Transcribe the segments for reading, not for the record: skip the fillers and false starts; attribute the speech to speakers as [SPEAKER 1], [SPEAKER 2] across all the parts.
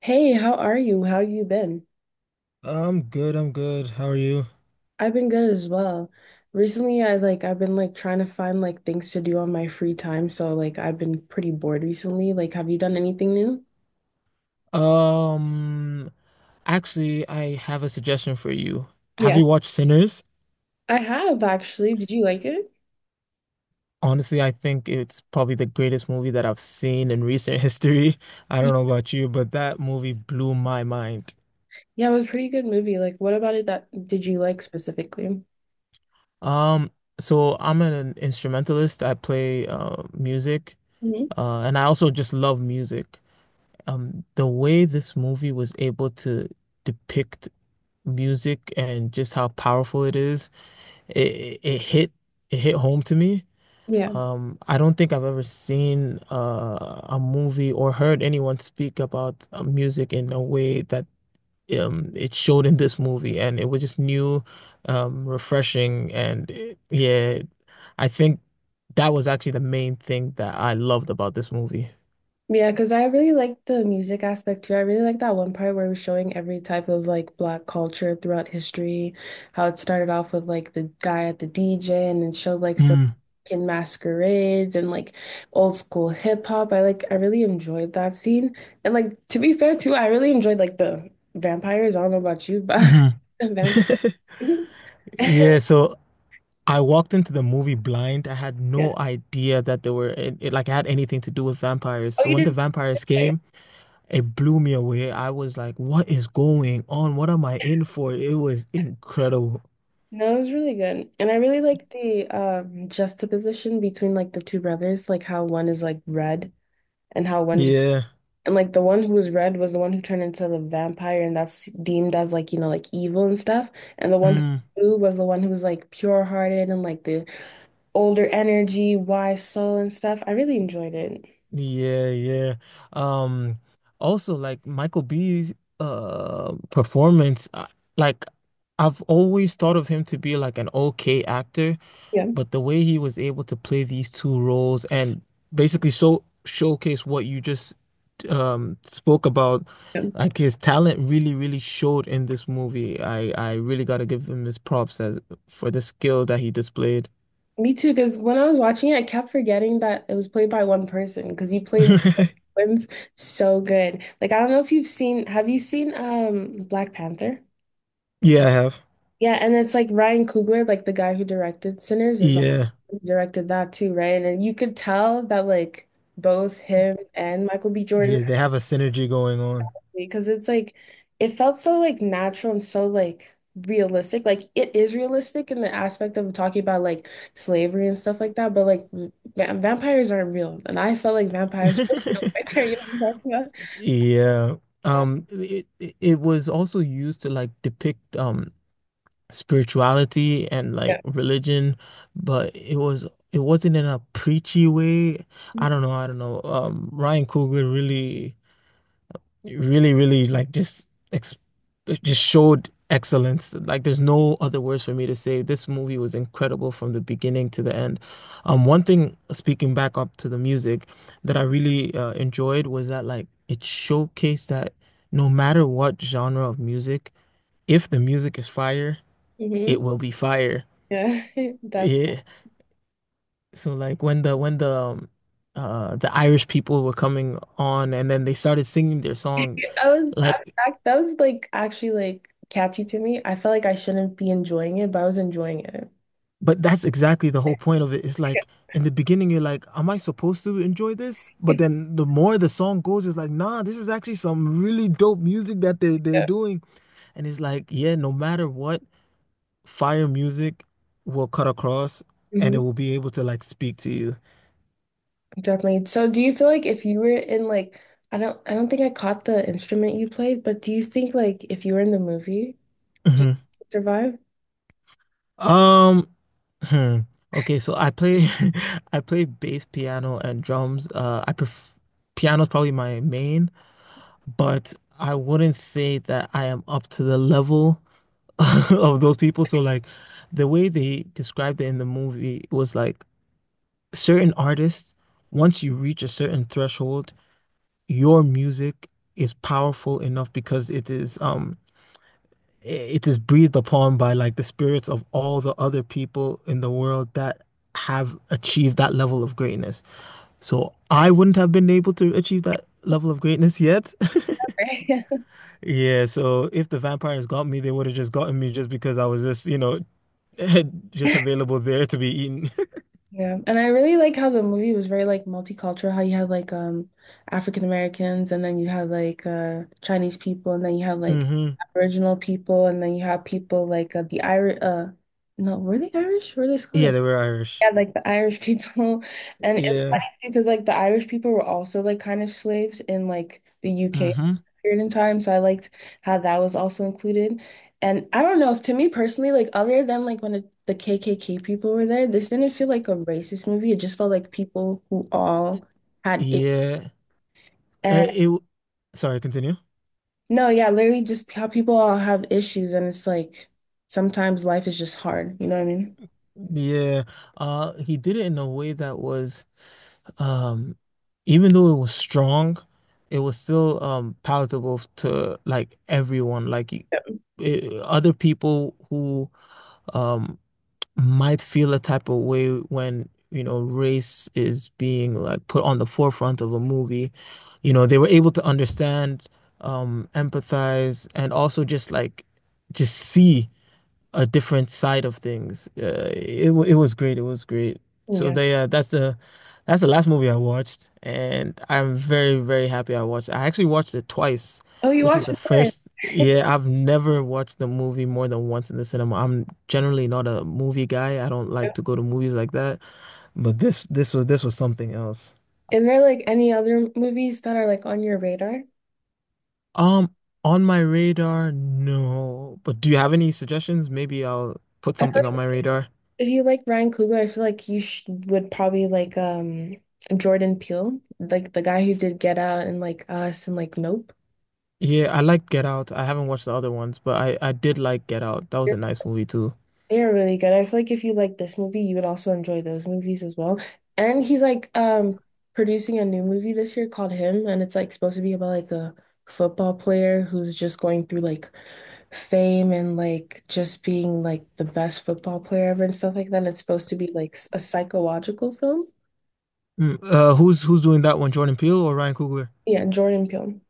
[SPEAKER 1] Hey, how are you? How you been?
[SPEAKER 2] I'm good, I'm good. How are you?
[SPEAKER 1] I've been good as well. Recently, I've been trying to find like things to do on my free time, so like I've been pretty bored recently. Like, have you done anything new?
[SPEAKER 2] Um, Actually, I have a suggestion for you. Have
[SPEAKER 1] Yeah,
[SPEAKER 2] you watched Sinners?
[SPEAKER 1] I have actually. Did you like it?
[SPEAKER 2] Honestly, I think it's probably the greatest movie that I've seen in recent history. I don't know about you, but that movie blew my mind.
[SPEAKER 1] Yeah, it was a pretty good movie. Like, what about it that did you like specifically?
[SPEAKER 2] Um, so I'm an instrumentalist. I play music,
[SPEAKER 1] Mm-hmm.
[SPEAKER 2] and I also just love music. The way this movie was able to depict music and just how powerful it is. it it it hit it hit home to me. I don't think I've ever seen a movie or heard anyone speak about music in a way that it showed in this movie, and it was just new, refreshing, and I think that was actually the main thing that I loved about this movie.
[SPEAKER 1] Yeah, because I really like the music aspect too. I really like that one part where it was showing every type of like black culture throughout history, how it started off with like the guy at the DJ and then showed like some
[SPEAKER 2] Mm,
[SPEAKER 1] in masquerades and like old school hip hop. I really enjoyed that scene. And like to be fair too, I really enjoyed like the vampires. I don't know about you, but
[SPEAKER 2] hmm.
[SPEAKER 1] the vampires.
[SPEAKER 2] Yeah, so I walked into the movie blind. I had
[SPEAKER 1] Yeah.
[SPEAKER 2] no idea that there were it, it- like I had anything to do with vampires.
[SPEAKER 1] Oh,
[SPEAKER 2] So
[SPEAKER 1] you
[SPEAKER 2] when the
[SPEAKER 1] didn't?
[SPEAKER 2] vampires came. It blew me away. I was like, what is going on? What am I in for? It was incredible.
[SPEAKER 1] No, it was really good. And I really like the juxtaposition between like the two brothers, like how one is like red and how one's,
[SPEAKER 2] Yeah.
[SPEAKER 1] and like the one who was red was the one who turned into the vampire, and that's deemed as like, you know, like evil and stuff. And the one
[SPEAKER 2] Mm.
[SPEAKER 1] who was the one who was like pure hearted and like the older energy, wise soul and stuff. I really enjoyed it.
[SPEAKER 2] Yeah, yeah. Um, also like Michael B's performance, like I've always thought of him to be like an okay actor,
[SPEAKER 1] Yeah.
[SPEAKER 2] but the way he was able to play these two roles and basically showcase what you just spoke about
[SPEAKER 1] Yeah.
[SPEAKER 2] like his talent, really, really showed in this movie. I really got to give him his props as for the skill that he displayed.
[SPEAKER 1] Me too, because when I was watching it, I kept forgetting that it was played by one person because he played both twins so good. Like I don't know if you've seen, have you seen Black Panther?
[SPEAKER 2] Yeah, I have.
[SPEAKER 1] Yeah, and it's like Ryan Coogler, like the guy who directed Sinners, is
[SPEAKER 2] Yeah.
[SPEAKER 1] he directed that too, right? And you could tell that like both him and Michael B. Jordan,
[SPEAKER 2] Yeah, they have a synergy going on.
[SPEAKER 1] because it's like it felt so like natural and so like realistic. Like it is realistic in the aspect of talking about like slavery and stuff like that, but like vampires aren't real, and I felt like vampires were real. You know what I'm talking about?
[SPEAKER 2] Yeah.
[SPEAKER 1] Uh,
[SPEAKER 2] It was also used to like depict spirituality and like
[SPEAKER 1] Yeah.
[SPEAKER 2] religion, but it wasn't in a preachy way. I don't know, I don't know. Ryan Coogler really really, really like just ex just showed excellence. Like there's no other words for me to say. This movie was incredible from the beginning to the end. One thing, speaking back up to the music, that I really enjoyed was that like it showcased that no matter what genre of music, if the music is fire, it
[SPEAKER 1] Hmm.
[SPEAKER 2] will be fire.
[SPEAKER 1] Yeah, that
[SPEAKER 2] Yeah. So like when the Irish people were coming on and then they started singing their song.
[SPEAKER 1] that was that,
[SPEAKER 2] Like
[SPEAKER 1] that that was like actually like catchy to me. I felt like I shouldn't be enjoying it, but I was enjoying it.
[SPEAKER 2] But that's exactly the whole point of it. It's like in the beginning, you're like, am I supposed to enjoy this? But then the more the song goes, it's like, nah, this is actually some really dope music that they're
[SPEAKER 1] Yeah.
[SPEAKER 2] doing. And it's like, yeah, no matter what, fire music will cut across and it
[SPEAKER 1] Mhm.
[SPEAKER 2] will be able to like speak to you.
[SPEAKER 1] Definitely. So do you feel like if you were in like, I don't think I caught the instrument you played, but do you think like if you were in the movie, do you
[SPEAKER 2] Hmm.
[SPEAKER 1] survive?
[SPEAKER 2] Um, hmm. Okay, so I play I play bass, piano, and drums. I pref Piano's probably my main, but I wouldn't say that I am up to the level of those people. So like the way they described it in the movie was like certain artists, once you reach a certain threshold, your music is powerful enough because it is breathed upon by like the spirits of all the other people in the world that have achieved that level of greatness. So I wouldn't have been able to achieve that level of greatness yet.
[SPEAKER 1] Right?
[SPEAKER 2] Yeah, so if the vampires got me, they would have just gotten me just because I was just, you know, just available there to be eaten.
[SPEAKER 1] Yeah. And I really like how the movie was very like multicultural, how you had like African Americans, and then you had like Chinese people, and then you had like
[SPEAKER 2] Hmm.
[SPEAKER 1] Aboriginal people, and then you had people like the Irish no, were they Irish? Were they
[SPEAKER 2] Yeah,
[SPEAKER 1] Scottish?
[SPEAKER 2] they were Irish.
[SPEAKER 1] Yeah, like the Irish people. And it's
[SPEAKER 2] Yeah.
[SPEAKER 1] funny too, because like the Irish people were also like kind of slaves in like the UK
[SPEAKER 2] Hmm.
[SPEAKER 1] period in time. So I liked how that was also included. And I don't know, to me personally, like other than like when it, the KKK people were there, this didn't feel like a racist movie. It just felt like people who all had it.
[SPEAKER 2] Yeah. Uh,
[SPEAKER 1] And
[SPEAKER 2] it. w- Sorry, continue.
[SPEAKER 1] no, yeah, literally just how people all have issues. And it's like sometimes life is just hard. You know what I mean?
[SPEAKER 2] Yeah. He did it in a way that was, um, even though it was strong, it was still palatable to like everyone. Other people who um might feel a type of way when, you know, race is being like put on the forefront of a movie. You know, they were able to understand, empathize, and also just like just see a different side of things. It was great. It was great. So
[SPEAKER 1] Yeah.
[SPEAKER 2] they that's the last movie I watched, and I'm very very happy I watched. I actually watched it twice,
[SPEAKER 1] Oh, you
[SPEAKER 2] which is
[SPEAKER 1] watched
[SPEAKER 2] the
[SPEAKER 1] it
[SPEAKER 2] first.
[SPEAKER 1] twice.
[SPEAKER 2] Yeah, I've never watched the movie more than once in the cinema. I'm generally not a movie guy. I don't like to go to movies like that. But this was something else.
[SPEAKER 1] Is there like any other movies that are like on your radar?
[SPEAKER 2] Um, on my radar, no. But do you have any suggestions? Maybe I'll put
[SPEAKER 1] I feel
[SPEAKER 2] something
[SPEAKER 1] like
[SPEAKER 2] on my radar.
[SPEAKER 1] if you like Ryan Coogler, I feel like you sh would probably like Jordan Peele, like the guy who did Get Out and like Us and like Nope.
[SPEAKER 2] Yeah, I like Get Out. I haven't watched the other ones, but I did like Get Out. That was a nice movie too.
[SPEAKER 1] They are really good. I feel like if you like this movie, you would also enjoy those movies as well. And he's like producing a new movie this year called Him, and it's like supposed to be about like a football player who's just going through like fame and like just being like the best football player ever and stuff like that. It's supposed to be like a psychological film.
[SPEAKER 2] Mm. Who's doing that one? Jordan Peele or Ryan Coogler?
[SPEAKER 1] Yeah, Jordan Peele.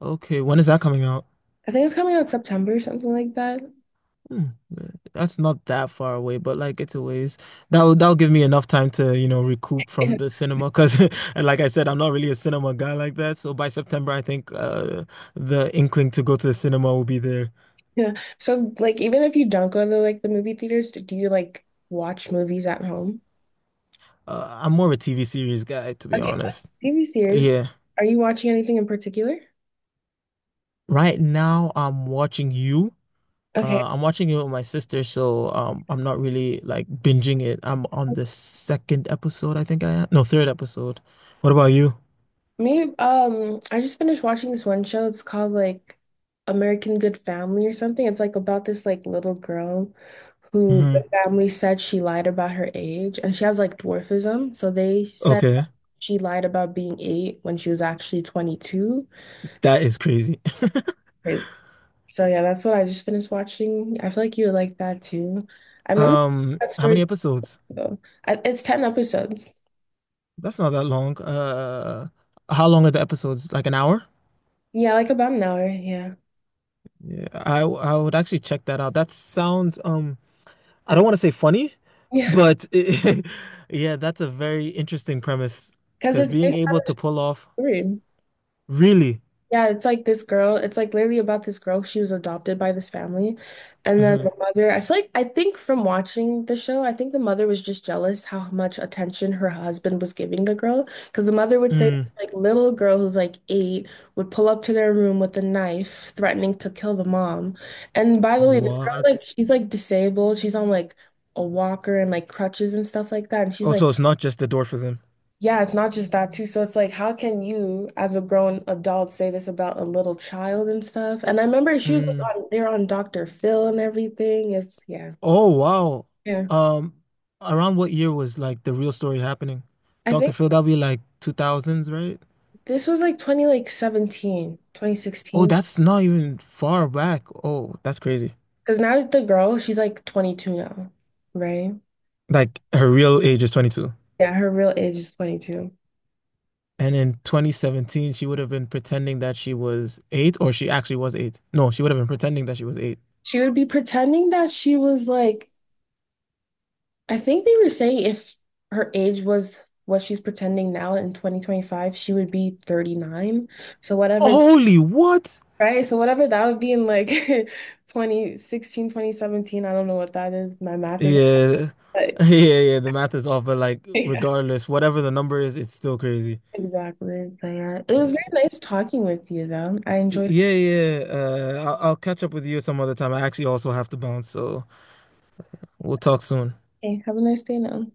[SPEAKER 2] Okay, when is that coming out?
[SPEAKER 1] I think it's coming out September, something like that.
[SPEAKER 2] Hmm, that's not that far away, but like it's a ways. That'll give me enough time to, you know, recoup
[SPEAKER 1] Yeah.
[SPEAKER 2] from the cinema because, and like I said, I'm not really a cinema guy like that. So by September, I think the inkling to go to the cinema will be there.
[SPEAKER 1] Yeah. So like even if you don't go to like the movie theaters, do you like watch movies at home?
[SPEAKER 2] I'm more of a TV series guy, to be
[SPEAKER 1] Okay,
[SPEAKER 2] honest.
[SPEAKER 1] TV series.
[SPEAKER 2] Yeah.
[SPEAKER 1] Are you watching anything in particular?
[SPEAKER 2] Right now, I'm watching You.
[SPEAKER 1] Okay.
[SPEAKER 2] I'm watching it with my sister, so I'm not really like binging it. I'm on the second episode, I think I am. No, third episode. What about you?
[SPEAKER 1] Me, I just finished watching this one show. It's called like American Good Family or something. It's like about this like little girl who the
[SPEAKER 2] Hmm.
[SPEAKER 1] family said she lied about her age and she has like dwarfism. So they said
[SPEAKER 2] Okay,
[SPEAKER 1] she lied about being eight when she was actually 22.
[SPEAKER 2] that is crazy.
[SPEAKER 1] Crazy. So yeah, that's what I just finished watching. I feel like you would like that too. I remember that
[SPEAKER 2] How many
[SPEAKER 1] story
[SPEAKER 2] episodes?
[SPEAKER 1] though. I, it's 10 episodes.
[SPEAKER 2] That's not that long. How long are the episodes? Like an hour?
[SPEAKER 1] Yeah, like about an hour. Yeah.
[SPEAKER 2] Yeah, I would actually check that out. That sounds I don't want to say funny,
[SPEAKER 1] Yeah,
[SPEAKER 2] but yeah, that's a very interesting premise
[SPEAKER 1] because
[SPEAKER 2] because
[SPEAKER 1] it's
[SPEAKER 2] being
[SPEAKER 1] based on
[SPEAKER 2] able to pull off
[SPEAKER 1] a story.
[SPEAKER 2] really.
[SPEAKER 1] Yeah, it's like this girl, it's like literally about this girl. She was adopted by this family. And then the mother, I feel like, I think from watching the show, I think the mother was just jealous how much attention her husband was giving the girl. Because the mother would say that,
[SPEAKER 2] Hmm.
[SPEAKER 1] like, little girl who's like eight would pull up to their room with a knife, threatening to kill the mom. And by the way, this girl, like,
[SPEAKER 2] What?
[SPEAKER 1] she's like disabled. She's on like a walker and like crutches and stuff like that. And she's
[SPEAKER 2] Oh,
[SPEAKER 1] like,
[SPEAKER 2] so it's not just the dwarfism.
[SPEAKER 1] yeah, it's not just that too. So it's like, how can you, as a grown adult, say this about a little child and stuff? And I remember she was
[SPEAKER 2] Mm.
[SPEAKER 1] like on they're on Dr. Phil and everything. It's yeah.
[SPEAKER 2] Oh, wow.
[SPEAKER 1] Yeah.
[SPEAKER 2] Um, around what year was like the real story happening?
[SPEAKER 1] I
[SPEAKER 2] Dr.
[SPEAKER 1] think
[SPEAKER 2] Phil, that'll be like 2000s, right?
[SPEAKER 1] this was like 20 like seventeen, twenty
[SPEAKER 2] Oh,
[SPEAKER 1] sixteen.
[SPEAKER 2] that's not even far back. Oh, that's crazy.
[SPEAKER 1] Because now the girl, she's like 22 now, right?
[SPEAKER 2] Like her real age is 22.
[SPEAKER 1] Yeah, her real age is 22.
[SPEAKER 2] And in 2017, she would have been pretending that she was eight, or she actually was eight. No, she would have been pretending that she was eight.
[SPEAKER 1] She would be pretending that she was like, I think they were saying if her age was what she's pretending now in 2025, she would be 39. So whatever.
[SPEAKER 2] Holy what?
[SPEAKER 1] Right? So whatever that would be in like 2016, 2017. I don't know what that is. My math is,
[SPEAKER 2] Yeah.
[SPEAKER 1] but
[SPEAKER 2] Yeah, yeah, the math is off, but like
[SPEAKER 1] yeah,
[SPEAKER 2] regardless, whatever the number is, it's still crazy.
[SPEAKER 1] exactly. But yeah, it was very nice talking with you though. I enjoyed.
[SPEAKER 2] Yeah, yeah, yeah. I'll catch up with you some other time. I actually also have to bounce, so we'll talk soon.
[SPEAKER 1] Okay, have a nice day now.